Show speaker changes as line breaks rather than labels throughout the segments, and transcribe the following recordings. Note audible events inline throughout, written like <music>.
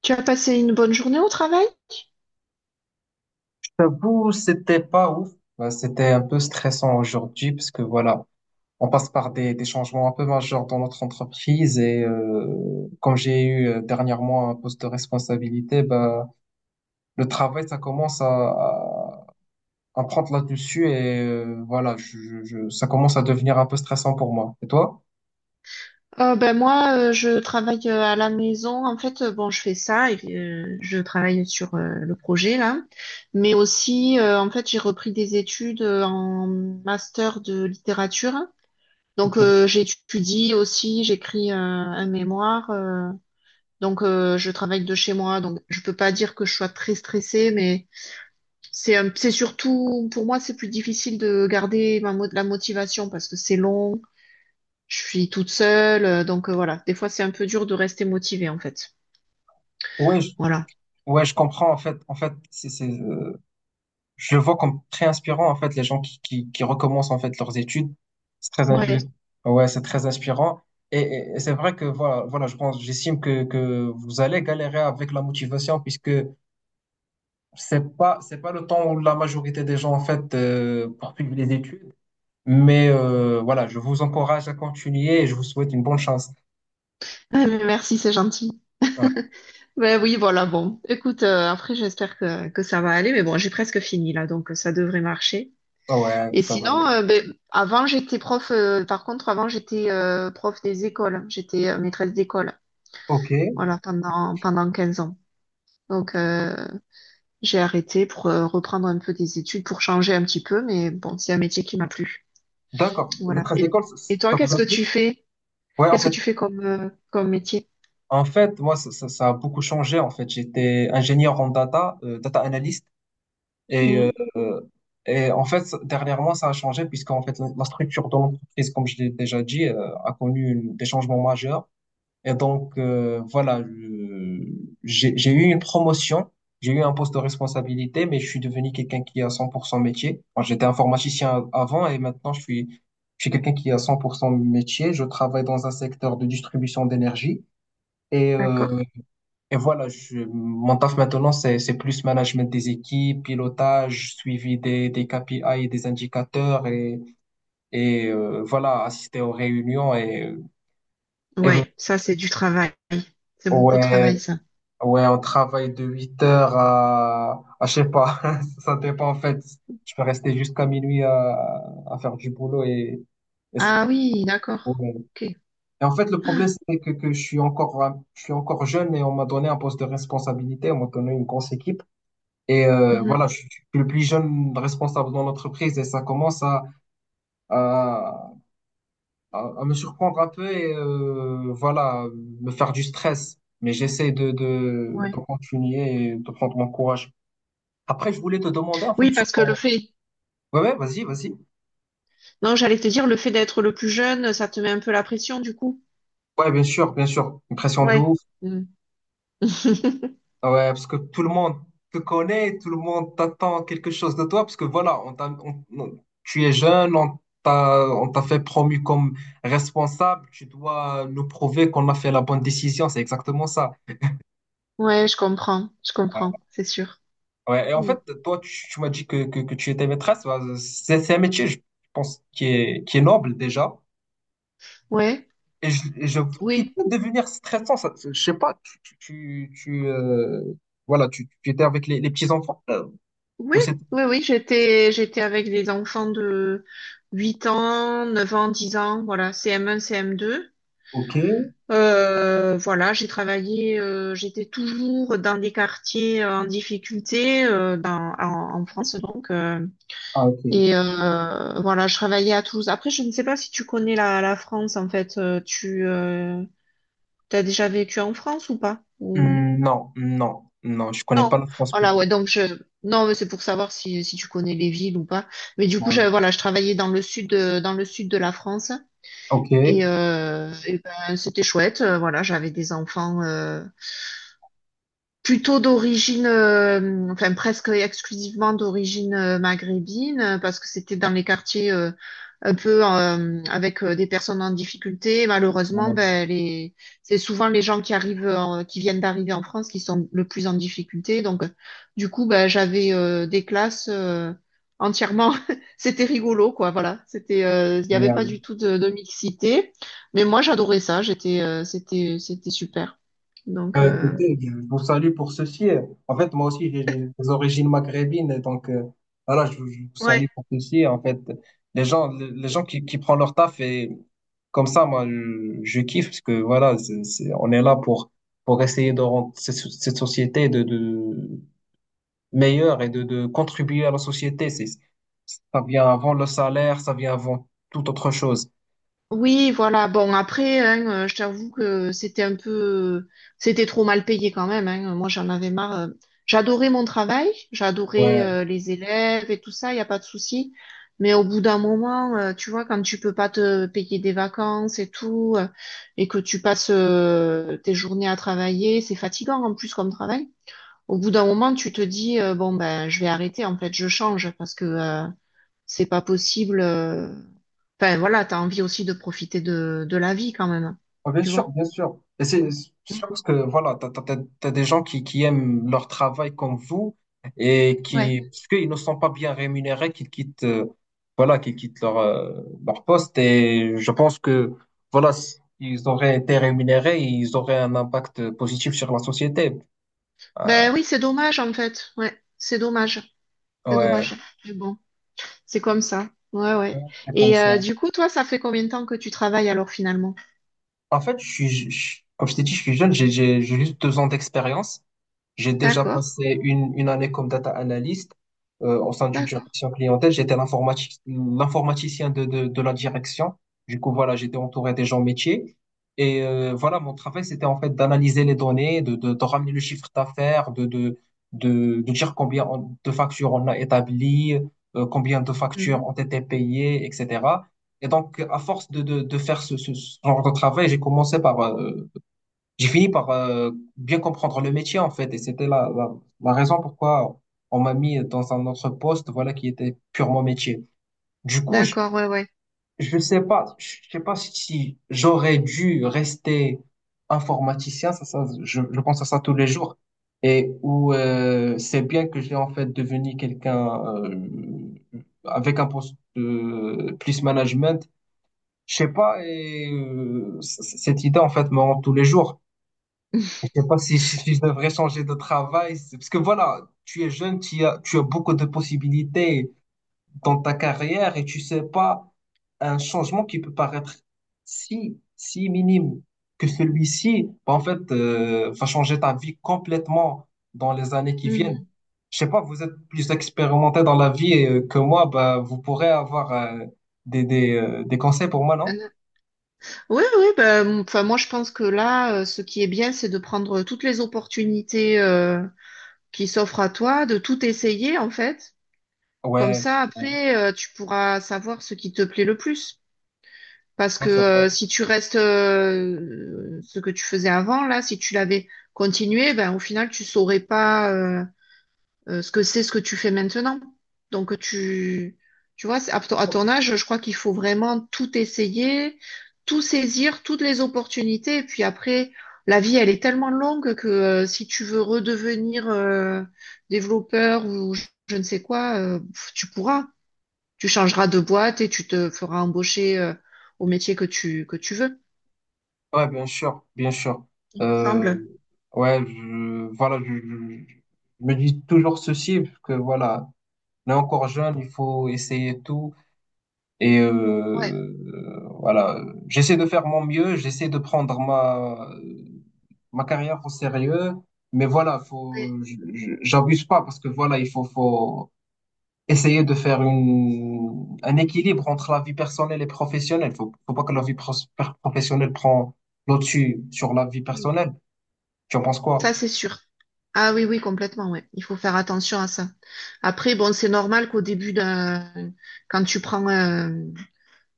Tu as passé une bonne journée au travail?
J'avoue, c'était pas ouf. Bah, c'était un peu stressant aujourd'hui parce que voilà, on passe par des changements un peu majeurs dans notre entreprise et comme j'ai eu dernièrement un poste de responsabilité, bah, le travail, ça commence à, prendre là-dessus et voilà, ça commence à devenir un peu stressant pour moi. Et toi?
Ben moi, je travaille à la maison. En fait, bon, je fais ça et je travaille sur le projet là. Mais aussi, en fait, j'ai repris des études en master de littérature. Donc,
Ok.
j'étudie aussi, j'écris un mémoire. Donc, je travaille de chez moi. Donc, je peux pas dire que je sois très stressée, mais c'est surtout pour moi, c'est plus difficile de garder la motivation parce que c'est long. Je suis toute seule, donc voilà. Des fois, c'est un peu dur de rester motivée, en fait.
Oui,
Voilà.
ouais, je comprends en fait. En fait, c'est, je le vois comme très inspirant en fait les gens qui recommencent en fait leurs études. C'est très inspirant.
Ouais.
Ouais, c'est très inspirant. Et c'est vrai que voilà, voilà, je pense, j'estime que vous allez galérer avec la motivation puisque c'est pas le temps où la majorité des gens en fait poursuivent les études. Mais voilà, je vous encourage à continuer et je vous souhaite une bonne chance.
Ah, mais merci, c'est gentil.
Ouais,
<laughs> Ben oui, voilà, bon. Écoute, après, j'espère que ça va aller, mais bon, j'ai presque fini là, donc ça devrait marcher.
ouais,
Et
ça va
sinon,
aller.
ben, avant, j'étais prof, par contre, avant, j'étais prof des écoles. J'étais maîtresse d'école,
Ok,
voilà, pendant 15 ans. Donc, j'ai arrêté pour reprendre un peu des études, pour changer un petit peu, mais bon, c'est un métier qui m'a plu.
d'accord. La
Voilà.
trace d'école, ça,
Et toi,
vous
qu'est-ce
a
que
plu?
tu fais?
Ouais, en
Qu'est-ce que
fait.
tu fais comme, comme métier?
En fait, moi, ça, ça a beaucoup changé. En fait, j'étais ingénieur en data, data analyst, et,
Mhm.
euh, et en fait, dernièrement, ça a changé puisqu'en fait, la structure de l'entreprise, comme je l'ai déjà dit, a connu des changements majeurs. Et donc, voilà, j'ai eu une promotion, j'ai eu un poste de responsabilité, mais je suis devenu quelqu'un qui a 100% métier. Moi, j'étais informaticien avant et maintenant, je suis quelqu'un qui a 100% métier. Je travaille dans un secteur de distribution d'énergie. Et
D'accord.
euh, et voilà, mon taf maintenant, c'est plus management des équipes, pilotage, suivi des KPI et des indicateurs et, voilà, assister aux réunions. Et
Ouais, ça, c'est du travail. C'est beaucoup de travail,
ouais,
ça.
ouais, on travaille de 8 heures à, je sais pas, <laughs> ça dépend en fait. Je peux rester jusqu'à minuit à, faire du boulot. Et, c'est-
Ah oui, d'accord.
ouais.
Ok.
Et en fait, le problème, c'est que je suis encore, je suis encore jeune et on m'a donné un poste de responsabilité, on m'a donné une grosse équipe. Et
Mhm.
voilà, je suis le plus jeune responsable dans l'entreprise et ça commence à, à me surprendre un peu et voilà, me faire du stress. Mais j'essaie de, de,
Ouais.
de continuer et de prendre mon courage. Après, je voulais te demander en
Oui,
fait sur
parce que
ton. Ouais, ouais, vas-y, vas-y.
non, j'allais te dire, le fait d'être le plus jeune, ça te met un peu la pression, du coup.
Ouais, bien sûr, bien sûr. Une pression de
Ouais.
ouf.
Mhm. <laughs>
Ah, ouais, parce que tout le monde te connaît, tout le monde t'attend quelque chose de toi, parce que voilà, on t'a- on- tu es jeune, on t'a fait promu comme responsable, tu dois nous prouver qu'on a fait la bonne décision, c'est exactement ça.
Ouais, je comprends, c'est sûr.
Ouais, et en
Mm.
fait, toi, tu m'as dit que tu étais maîtresse, bah, c'est un métier, je pense, qui est noble déjà,
Ouais,
et, je, et je- qui
oui,
peut devenir stressant, ça, je sais pas, tu, voilà, tu étais avec les petits-enfants,
oui,
ou c'est.
oui, oui, j'étais, j'étais avec des enfants de 8 ans, 9 ans, 10 ans, voilà, CM1, CM2.
Ok,
Voilà, j'ai travaillé, j'étais toujours dans des quartiers en difficulté en, en France donc.
ah, ok.
Et voilà, je travaillais à Toulouse. Après, je ne sais pas si tu connais la, la France en fait. Tu t'as déjà vécu en France ou pas? Ou-
Hmm, non, non, non, je connais
non.
pas la France
Voilà,
beaucoup.
ouais. Donc je non, mais c'est pour savoir si, si tu connais les villes ou pas. Mais du coup, je,
Ouais.
voilà, je travaillais dans le sud de, dans le sud de la France
Ok. Ouais,
et ben, c'était chouette. Voilà, j'avais des enfants. Plutôt d'origine, enfin presque exclusivement d'origine maghrébine, parce que c'était dans les quartiers un peu avec des personnes en difficulté. Malheureusement, ben, les... c'est souvent les gens qui arrivent, qui viennent d'arriver en France, qui sont le plus en difficulté. Donc, du coup, ben, j'avais des classes entièrement. <laughs> C'était rigolo, quoi. Voilà, c'était, il n'y avait pas
ouais.
du tout de mixité, mais moi j'adorais ça. J'étais, c'était, c'était super. Donc,
Écoutez, je vous salue pour ceci. En fait, moi aussi, j'ai des origines maghrébines, et donc voilà, je vous
ouais.
salue pour ceci. En fait, les gens qui prennent leur taf et comme ça, moi, je kiffe parce que voilà, on est là pour essayer de rendre cette société de meilleure et de contribuer à la société. Ça vient avant le salaire, ça vient avant toute autre chose.
Oui, voilà. Bon, après, hein, je t'avoue que c'était trop mal payé quand même. Hein. Moi, j'en avais marre. J'adorais mon travail, j'adorais
Ouais.
les élèves et tout ça, il n'y a pas de souci. Mais au bout d'un moment, tu vois, quand tu peux pas te payer des vacances et tout, et que tu passes tes journées à travailler, c'est fatigant en plus comme travail. Au bout d'un moment, tu te dis, bon, ben, je vais arrêter, en fait, je change parce que c'est pas possible. Enfin, voilà, t'as envie aussi de profiter de la vie quand même.
Ah, bien
Tu
sûr,
vois?
bien sûr. Et c'est sûr
Mm.
parce que voilà, t'as des gens qui aiment leur travail comme vous et
Ouais.
qui, parce qu'ils ne sont pas bien rémunérés, qui quittent, voilà, qui quittent leur poste. Et je pense que, voilà, s'ils auraient été rémunérés, ils auraient un impact positif sur la société. Ah,
Ben oui, c'est dommage en fait. Ouais, c'est dommage. C'est
ouais,
dommage. Mais bon, c'est comme ça. Ouais,
ouais,
ouais.
c'est comme
Et
ça.
du coup, toi, ça fait combien de temps que tu travailles alors finalement?
En fait, je suis, je- comme je t'ai dit, je suis jeune, j'ai juste 2 ans d'expérience. J'ai déjà
D'accord,
passé une année comme data analyst au sein d'une
d'accord.
direction clientèle. J'étais l'informaticien de la direction. Du coup, voilà, j'étais entouré des gens métiers. Et voilà, mon travail, c'était en fait d'analyser les données, de ramener le chiffre d'affaires, de dire combien de factures on a établies, combien de factures ont
Mhm.
été payées, etc. Et donc, à force de faire ce genre de travail, j'ai fini par bien comprendre le métier en fait et c'était la raison pourquoi on m'a mis dans un autre poste voilà qui était purement métier. Du coup, je
D'accord, ouais, ouais.
je sais pas je sais pas si j'aurais dû rester informaticien ça je pense à ça tous les jours et où c'est bien que j'ai en fait devenu quelqu'un avec un poste de plus management. Je sais pas et cette idée en fait me hante tous les jours.
<laughs>
Je sais pas si, je devrais changer de travail. Parce que voilà, tu es jeune, tu as beaucoup de possibilités dans ta carrière et tu sais pas un changement qui peut paraître si, minime que celui-ci, bah, en fait, va changer ta vie complètement dans les années qui viennent.
Mhm.
Je sais pas, vous êtes plus expérimenté dans la vie que moi, bah, vous pourrez avoir des conseils pour moi, non?
Oui, oui, ben, enfin, moi je pense que là, ce qui est bien, c'est de prendre toutes les opportunités qui s'offrent à toi, de tout essayer en fait. Comme
Ouais,
ça,
ouais,
après, tu pourras savoir ce qui te plaît le plus. Parce
ouais,
que
c'est vrai.
si tu restes ce que tu faisais avant, là, si tu l'avais continué, ben au final, tu saurais pas ce que c'est ce que tu fais maintenant. Donc tu vois, à ton âge, je crois qu'il faut vraiment tout essayer, tout saisir, toutes les opportunités. Et puis après, la vie, elle est tellement longue que si tu veux redevenir développeur ou je ne sais quoi, pff, tu changeras de boîte et tu te feras embaucher au métier que tu veux,
Ouais, bien sûr, bien sûr.
il me
Euh,
semble.
ouais, voilà, je me dis toujours ceci, parce que voilà, on est encore jeune, il faut essayer tout. Et
Ouais,
voilà, j'essaie de faire mon mieux, j'essaie de prendre ma carrière au sérieux, mais voilà,
ouais,
j'abuse pas parce que voilà, il faut, essayer de faire un équilibre entre la vie personnelle et professionnelle. Faut, pas que la vie professionnelle prend le dessus sur la vie
oui,
personnelle. Tu en penses quoi?
ça c'est sûr. Ah oui, oui, complètement, ouais. Il faut faire attention à ça. Après, bon, c'est normal quand tu prends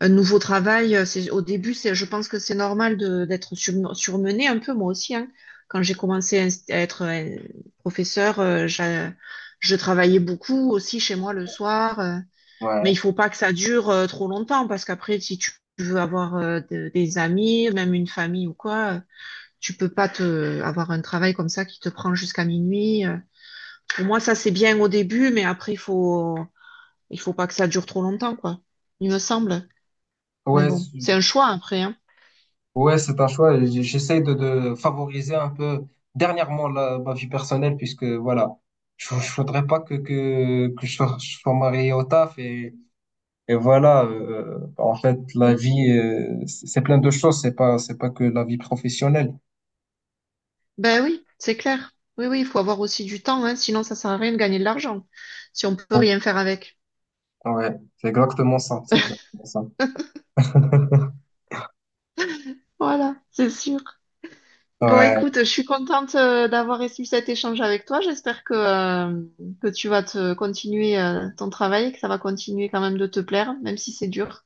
un nouveau travail, au début, c'est, je pense que c'est normal de, d'être surmenée un peu, moi aussi, hein. Quand j'ai commencé à être professeur, je travaillais beaucoup aussi chez moi le soir. Mais il
Ouais.
faut pas que ça dure trop longtemps parce qu'après, si tu veux avoir des amis, même une famille ou quoi, tu peux pas te avoir un travail comme ça qui te prend jusqu'à minuit. Pour moi, ça c'est bien au début, mais après, il faut pas que ça dure trop longtemps, quoi. Il me semble. Mais
Ouais,
bon,
c'est-
c'est un choix après, hein.
Ouais, c'est un choix. J'essaie de favoriser un peu dernièrement ma vie personnelle puisque voilà, je voudrais pas que je sois marié au taf et voilà. En fait, la
Mm.
vie, c'est plein de choses. C'est pas que la vie professionnelle.
Ben oui, c'est clair. Oui, oui, il faut avoir aussi du temps, hein, sinon ça sert à rien de gagner de l'argent si on peut rien faire avec.
Ouais, c'est exactement ça. C'est exactement ça.
<laughs>
<laughs>
Voilà, c'est sûr. Bon,
Ouais,
écoute, je suis contente d'avoir eu cet échange avec toi. J'espère que tu vas te continuer ton travail et que ça va continuer quand même de te plaire, même si c'est dur.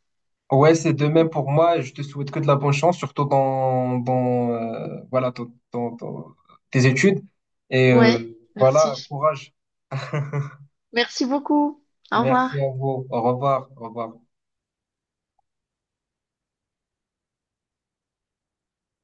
ouais, c'est de même pour moi. Je te souhaite que de la bonne chance, surtout dans, voilà, dans tes études. Et
Ouais,
voilà,
merci.
courage. <laughs>
Merci beaucoup. Au
Merci
revoir.
à vous. Au revoir. Au revoir.